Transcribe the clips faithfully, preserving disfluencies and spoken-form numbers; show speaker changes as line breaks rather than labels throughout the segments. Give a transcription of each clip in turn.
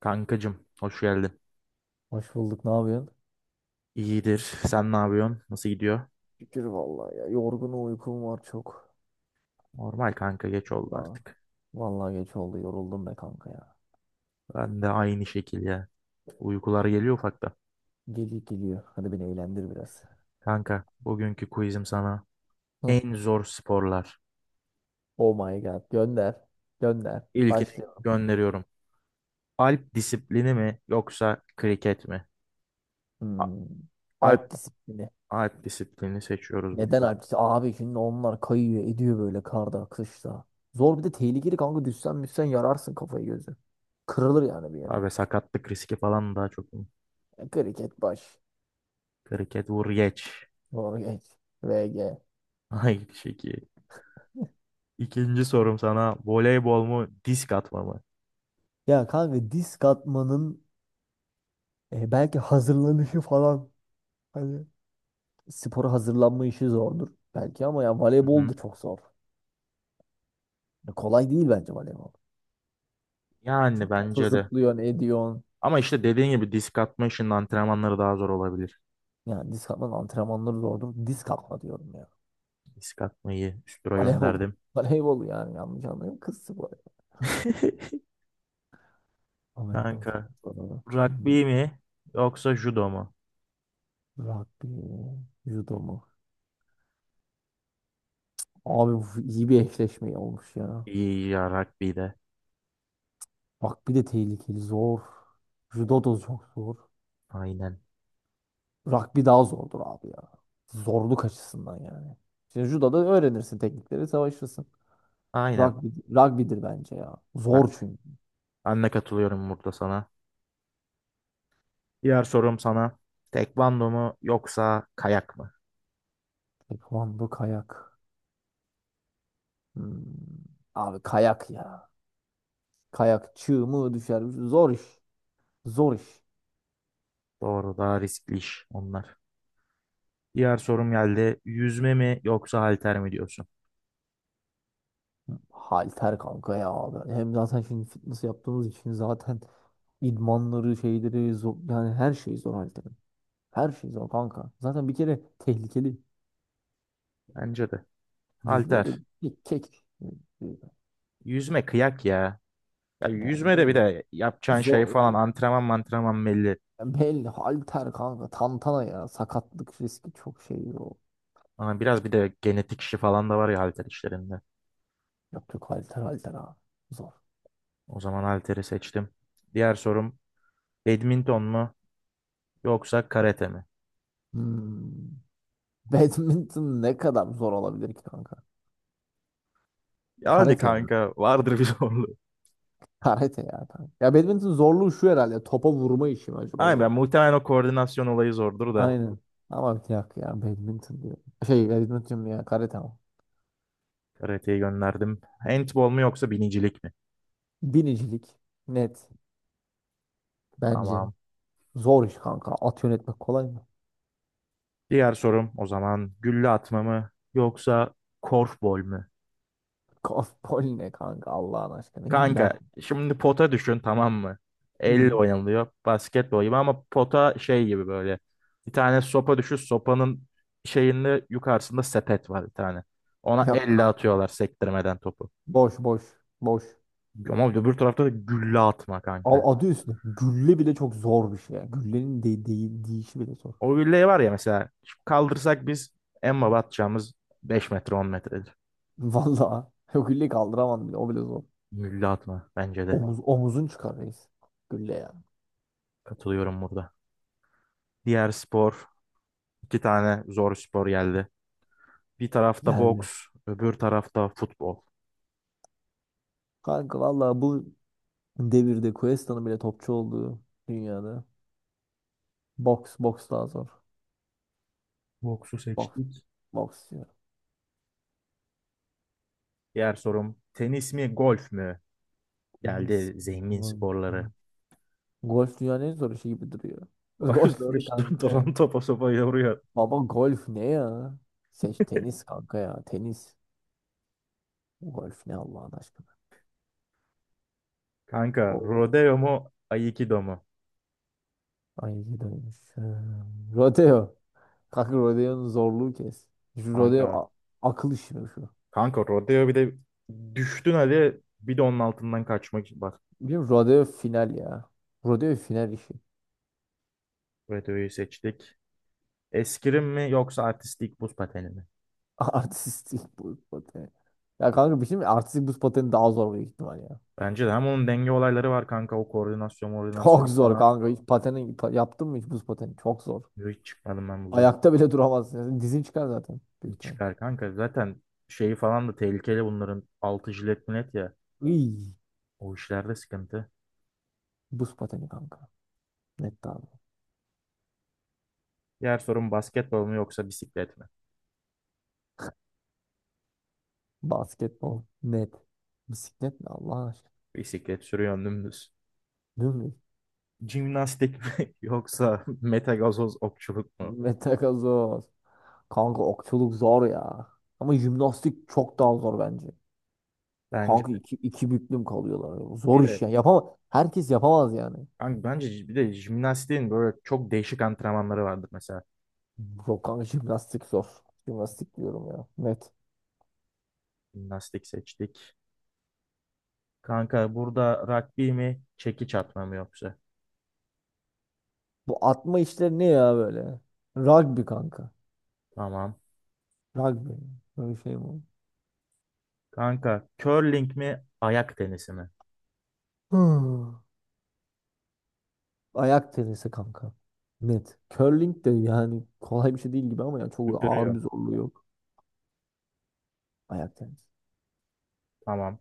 Kankacım, hoş geldin.
Hoş bulduk. Ne yapıyorsun?
İyidir. Sen ne yapıyorsun? Nasıl gidiyor?
Şükür vallahi ya. Yorgunum uykum var çok.
Normal kanka geç oldu
Aa,
artık.
vallahi geç oldu. Yoruldum be kanka ya.
Ben de aynı şekilde. Uykular geliyor ufakta.
Geliyor geliyor. Hadi beni eğlendir biraz.
Kanka, bugünkü quizim sana
Hı.
en zor sporlar.
Oh my god. Gönder. Gönder.
İlkini
Başlayalım.
gönderiyorum. Alp disiplini mi yoksa kriket mi? A-
Hmm. Alp
Alp,
disiplini.
Alp disiplini seçiyoruz
Neden
burada.
Alp disiplini? Abi şimdi onlar kayıyor ediyor böyle karda kışta. Zor bir de tehlikeli kanka. Düşsen müssen yararsın kafayı gözü. Kırılır yani bir yere.
Abi sakatlık riski falan daha çok.
E, Kriket baş.
Kriket vur geç.
Doğru geç. V G.
Aynı şekilde. İkinci sorum sana voleybol mu disk atma mı?
Ya kanka disk atmanın E, belki hazırlanışı falan, hani spora hazırlanma işi zordur belki ama ya
Hı
voleybol
hı.
da çok zor. Ya kolay değil bence voleybol.
Yani
Çünkü topla
bence de
zıplıyorsun, ediyorsun.
ama işte dediğin gibi disk atma işinin antrenmanları daha zor olabilir.
Yani disk atmanın antrenmanları zordur. Disk atma diyorum ya.
Disk atmayı üstüra
Voleybol.
gönderdim.
Voleybol yani yanlış anlayın. Kız sporu. Amerikan
Kanka,
futbolu.
rugby
Hmm.
mi yoksa judo mu?
Rugby mi? Judo mu? Abi bu iyi bir eşleşme olmuş ya.
İyi ya rugby de.
Rugby de tehlikeli. Zor. Judo da çok zor.
Aynen.
Rugby daha zordur abi ya. Zorluk açısından yani. Şimdi judoda öğrenirsin teknikleri, savaşırsın.
Aynen.
Rugby, rugby'dir bence ya.
Ben,
Zor çünkü.
ben de katılıyorum burada sana. Diğer sorum sana. Tekvando mu yoksa kayak mı?
Taekwondo, kayak. Hmm. Abi kayak ya. Kayak çığ mı düşer. Zor iş. Zor iş.
Doğru daha riskli iş onlar. Diğer sorum geldi. Yüzme mi yoksa halter mi diyorsun?
Halter kanka ya abi. Hem zaten şimdi fitness yaptığımız için zaten idmanları, şeyleri zor. Yani her şey zor halterin. Her şey zor kanka. Zaten bir kere tehlikeli.
Bence de.
Yüzme de
Halter.
kek.
Yüzme kıyak ya. Ya
Yani
yüzmede bir
bilmiyorum.
de yapacağın şey
Zor.
falan antrenman antrenman belli.
Belli. Halter kanka. Tantana ya. Sakatlık riski çok şey o.
Ama biraz bir de genetik işi falan da var ya halter işlerinde.
Yok yok halter halter abi. Zor.
O zaman halteri seçtim. Diğer sorum badminton mu yoksa karate mi?
Hmm. Badminton ne kadar zor olabilir ki kanka?
Yani
Karate ya.
kanka vardır bir zorluğu.
Karate ya kanka. Ya badminton zorluğu şu herhalde. Topa vurma işi mi acaba
Aynen
zor?
ben muhtemelen o koordinasyon olayı zordur da
Aynen. Ama bir dakika ya badminton diyor. Şey badminton diyorum ya karate ama.
karateyi gönderdim. Handball mu yoksa binicilik mi?
Binicilik net bence.
Tamam.
Zor iş kanka. At yönetmek kolay mı?
Diğer sorum o zaman gülle atma mı yoksa korfbol mu?
Golf bol ne kanka Allah'ın aşkına. Gülle at.
Kanka şimdi pota düşün tamam mı? Elle
Hı.
oynanılıyor basketbol gibi ama pota şey gibi böyle. Bir tane sopa düşün sopanın şeyinde yukarısında sepet var bir tane. Ona
Yok
elle
kanka.
atıyorlar sektirmeden topu.
Boş boş boş.
Ama öbür tarafta da gülle atma kanka.
Al adı üstünde. Gülle bile çok zor bir şey ya. Güllenin de değil deyişi bile zor.
O gülleyi var ya mesela şu kaldırsak biz en baba atacağımız beş metre on metredir.
Vallahi o gülleyi kaldıramam bile. O bile zor.
Gülle atma bence de.
Omuz, omuzun çıkar reis. Gülle ya.
Katılıyorum burada. Diğer spor iki tane zor spor geldi. Bir tarafta
Geldi.
boks öbür tarafta futbol.
Kanka vallahi bu devirde Cuesta'nın bile topçu olduğu dünyada. Boks boks daha zor.
Boksu
Boks
seçtik.
boks ya.
Diğer sorum tenis mi golf mü?
En iyisi.
Geldi zengin sporları.
Golf dünyanın en zor işi gibi duruyor.
Bu
Golf
soru
ne
işte
kanka?
duran topa sopa yoruyor.
Baba golf ne ya? Seç tenis kanka ya. Tenis. Golf ne Allah'ın aşkına.
Kanka
Oh, oh.
rodeo mu aikido mu?
Ay iyi dönmüş. Ee, Rodeo. Kanka rodeonun zorluğu kes. Şu rodeo
Kanka.
a- akıl işi mi şu?
Kanka rodeo bir de düştün hadi bir de onun altından kaçmak. Bak
Biliyorum rodeo final ya. Rodeo final işi.
rodeoyu seçtik. Eskrim mi yoksa artistik buz pateni mi?
Artistik buz pateni. Ya kanka bir şey mi? Artistik buz pateni daha zor büyük ihtimal ya.
Bence de hem onun denge olayları var kanka o koordinasyon
Çok
koordinasyon
zor
falan.
kanka. Hiç pateni pa- yaptın mı hiç buz pateni? Çok zor.
Hiç çıkmadım ben buza.
Ayakta bile duramazsın. Yani dizin çıkar zaten. Büyük ihtimal.
Çıkar kanka zaten şeyi falan da tehlikeli bunların altı jilet millet ya.
Iy,
O işlerde sıkıntı.
buz pateni kanka. Net abi.
Diğer sorum basketbol mu yoksa bisiklet mi?
Basketbol. Net. Bisiklet ne Allah aşkına?
Bisiklet sürüyorsun dümdüz.
Değil mi?
Jimnastik mi yoksa metagazoz okçuluk mu?
Metakazoz. Kanka okçuluk zor ya. Ama jimnastik çok daha zor bence.
Bence
Kanka
de.
iki, iki büklüm kalıyorlar.
Bir
Zor iş
de
ya. Yapamaz. Herkes yapamaz yani.
kanka bence bir de jimnastiğin böyle çok değişik antrenmanları vardır mesela.
Yok kanka jimnastik zor. Jimnastik diyorum ya. Net.
Jimnastik seçtik. Kanka burada rugby mi, çekiç atma mı yoksa?
Bu atma işleri ne ya böyle? Rugby kanka.
Tamam.
Rugby. Böyle şey mi olur?
Kanka curling mi, ayak tenisi mi?
Hmm. Ayak tenisi kanka. Net. Curling de yani kolay bir şey değil gibi ama yani çok ağır bir
Süpürüyorum.
zorluğu yok. Ayak tenisi.
Tamam.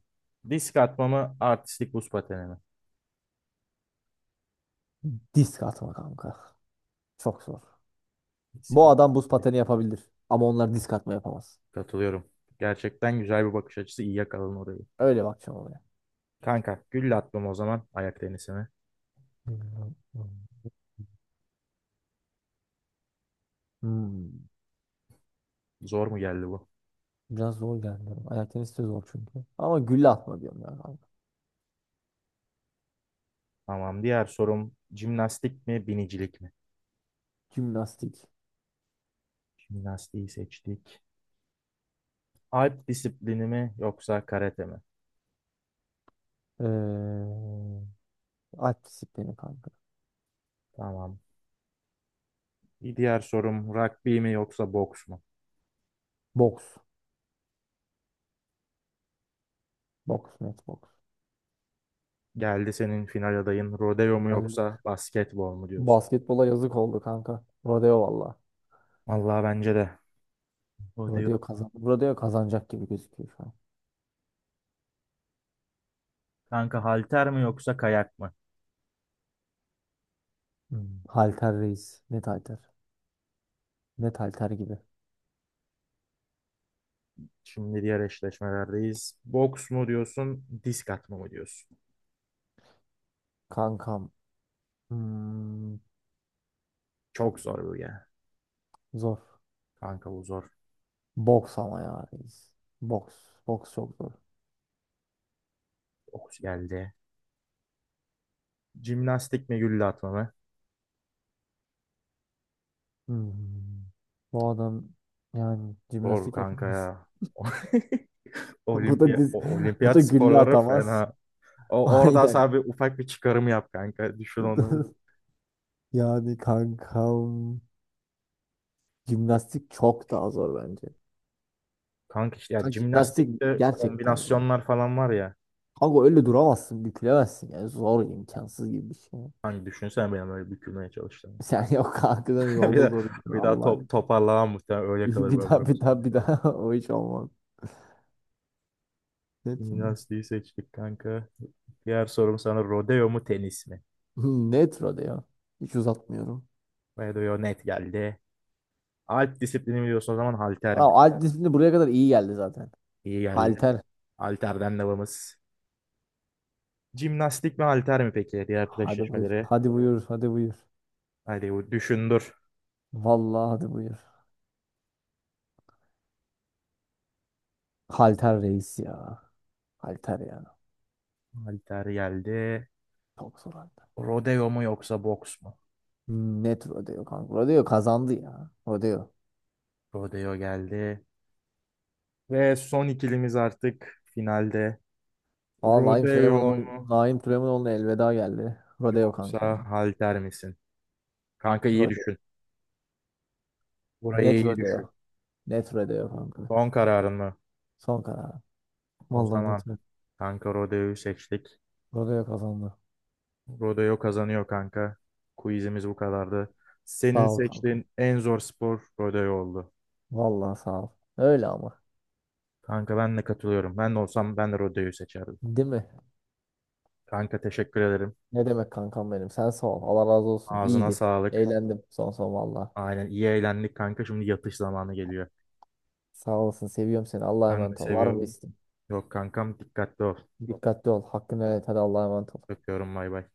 Disk atma mı, artistik buz pateni mi?
Disk atma kanka. Çok zor.
Disk
Bu
atma.
adam buz pateni yapabilir. Ama onlar disk atma yapamaz.
Katılıyorum. Gerçekten güzel bir bakış açısı. İyi yakaladın orayı.
Öyle bakacağım olaya.
Kanka gülle atmam o zaman ayak tenisine.
Hmm.
Zor mu geldi bu?
Biraz zor geldi. Ayak tenisi de zor çünkü. Ama gülle atma diyorum ya kanka.
Tamam. Diğer sorum jimnastik mi binicilik mi?
Jimnastik.
Jimnastiği seçtik. Alp disiplini mi yoksa karate mi?
Ee, alp disiplini kanka.
Tamam. Bir diğer sorum rugby mi yoksa boks mu?
Boks. Boks, net boks.
Geldi senin final adayın rodeo mu
Yani
yoksa basketbol mu diyorsun?
basketbola yazık oldu kanka. Rodeo valla.
Vallahi bence de.
Rodeo
Rodeo.
kazan. Rodeo kazanacak gibi gözüküyor şu an.
Kanka halter mi yoksa kayak mı?
Hmm. Halter reis. Net halter. Net halter gibi.
Şimdi diğer eşleşmelerdeyiz. Boks mu diyorsun, disk atma mı diyorsun?
Kankam. Hmm,
Çok zor bu ya.
zor.
Kanka bu zor.
Boks ama ya reis. Boks. Boks çok zor.
Okus geldi. Jimnastik mi gülle atma mı?
Hmm. Bu adam yani
Zor
jimnastik
kanka
yapamaz.
ya.
Bu da
Olimpiya,
diz,
o-
bu da
olimpiyat
gülle
sporları
atamaz.
fena. O, orada
Aynen.
sana ufak bir çıkarım yap kanka. Düşün onları.
Yani kankam jimnastik çok daha zor bence.
Kanka işte ya
Kanka jimnastik
jimnastikte
gerçekten zor.
kombinasyonlar falan var ya.
Kanka öyle duramazsın, bükülemezsin. Yani zor, imkansız gibi bir şey.
Hani düşünsene benim öyle bükülmeye çalıştığımı.
Sen yok kankadan
Bir
yolda
de,
zor.
Bir daha
Allah.
top, toparlamam muhtemelen öyle kalır
Bir daha
ömrüm
bir daha
sonuna
bir
kadar.
daha o hiç olmaz. Ne jimnastik?
Jimnastiği seçtik kanka. Diğer sorum sana rodeo mu tenis mi?
Netro ya, hiç uzatmıyorum.
Rodeo net geldi. Alp disiplini biliyorsun o zaman halter
Aa,
mi?
alt disiplini buraya kadar iyi geldi zaten.
İyi geldi.
Halter.
Halterden devamız. Jimnastik mi halter mi peki? Diğer
Hadi buyur.
eşleşmeleri.
Hadi buyur. Hadi buyur.
Hadi bu düşündür.
Vallahi hadi buyur. Halter reis ya. Halter ya.
Halter geldi.
Çok zor halter.
Rodeo mu yoksa boks mu?
Net Rodeo kanka. Rodeo kazandı ya. Rodeo.
Rodeo geldi. Ve son ikilimiz artık finalde.
Aa, Naim
Rodeo mu
Süleymanoğlu, Naim Süleymanoğlu'na elveda geldi. Rodeo kanka
yoksa
yani.
halter misin? Kanka iyi
Rodeo.
düşün.
Net
Burayı iyi
Rodeo.
düşün.
Net Rodeo kanka.
Son kararın mı?
Son karar.
O
Vallahi net
zaman
Rodeo.
kanka rodeoyu seçtik.
Rodeo kazandı.
Rodeo kazanıyor kanka. Quizimiz bu kadardı. Senin
Sağ ol kanka.
seçtiğin en zor spor rodeo oldu.
Vallahi sağ ol. Öyle ama.
Kanka ben de katılıyorum. Ben de olsam ben de rodeoyu seçerdim.
Değil mi?
Kanka teşekkür ederim.
Ne demek kankam benim? Sen sağ ol. Allah razı olsun.
Ağzına
İyiydi.
sağlık.
Eğlendim son son valla.
Aynen iyi eğlendik kanka. Şimdi yatış zamanı geliyor.
Sağ olasın. Seviyorum seni. Allah'a
Ben de
emanet ol. Var mı bir
seviyorum.
isteğin?
Yok kankam dikkatli ol.
Dikkatli ol. Hakkını helal et. Hadi Allah'a emanet ol.
Öpüyorum bay bay.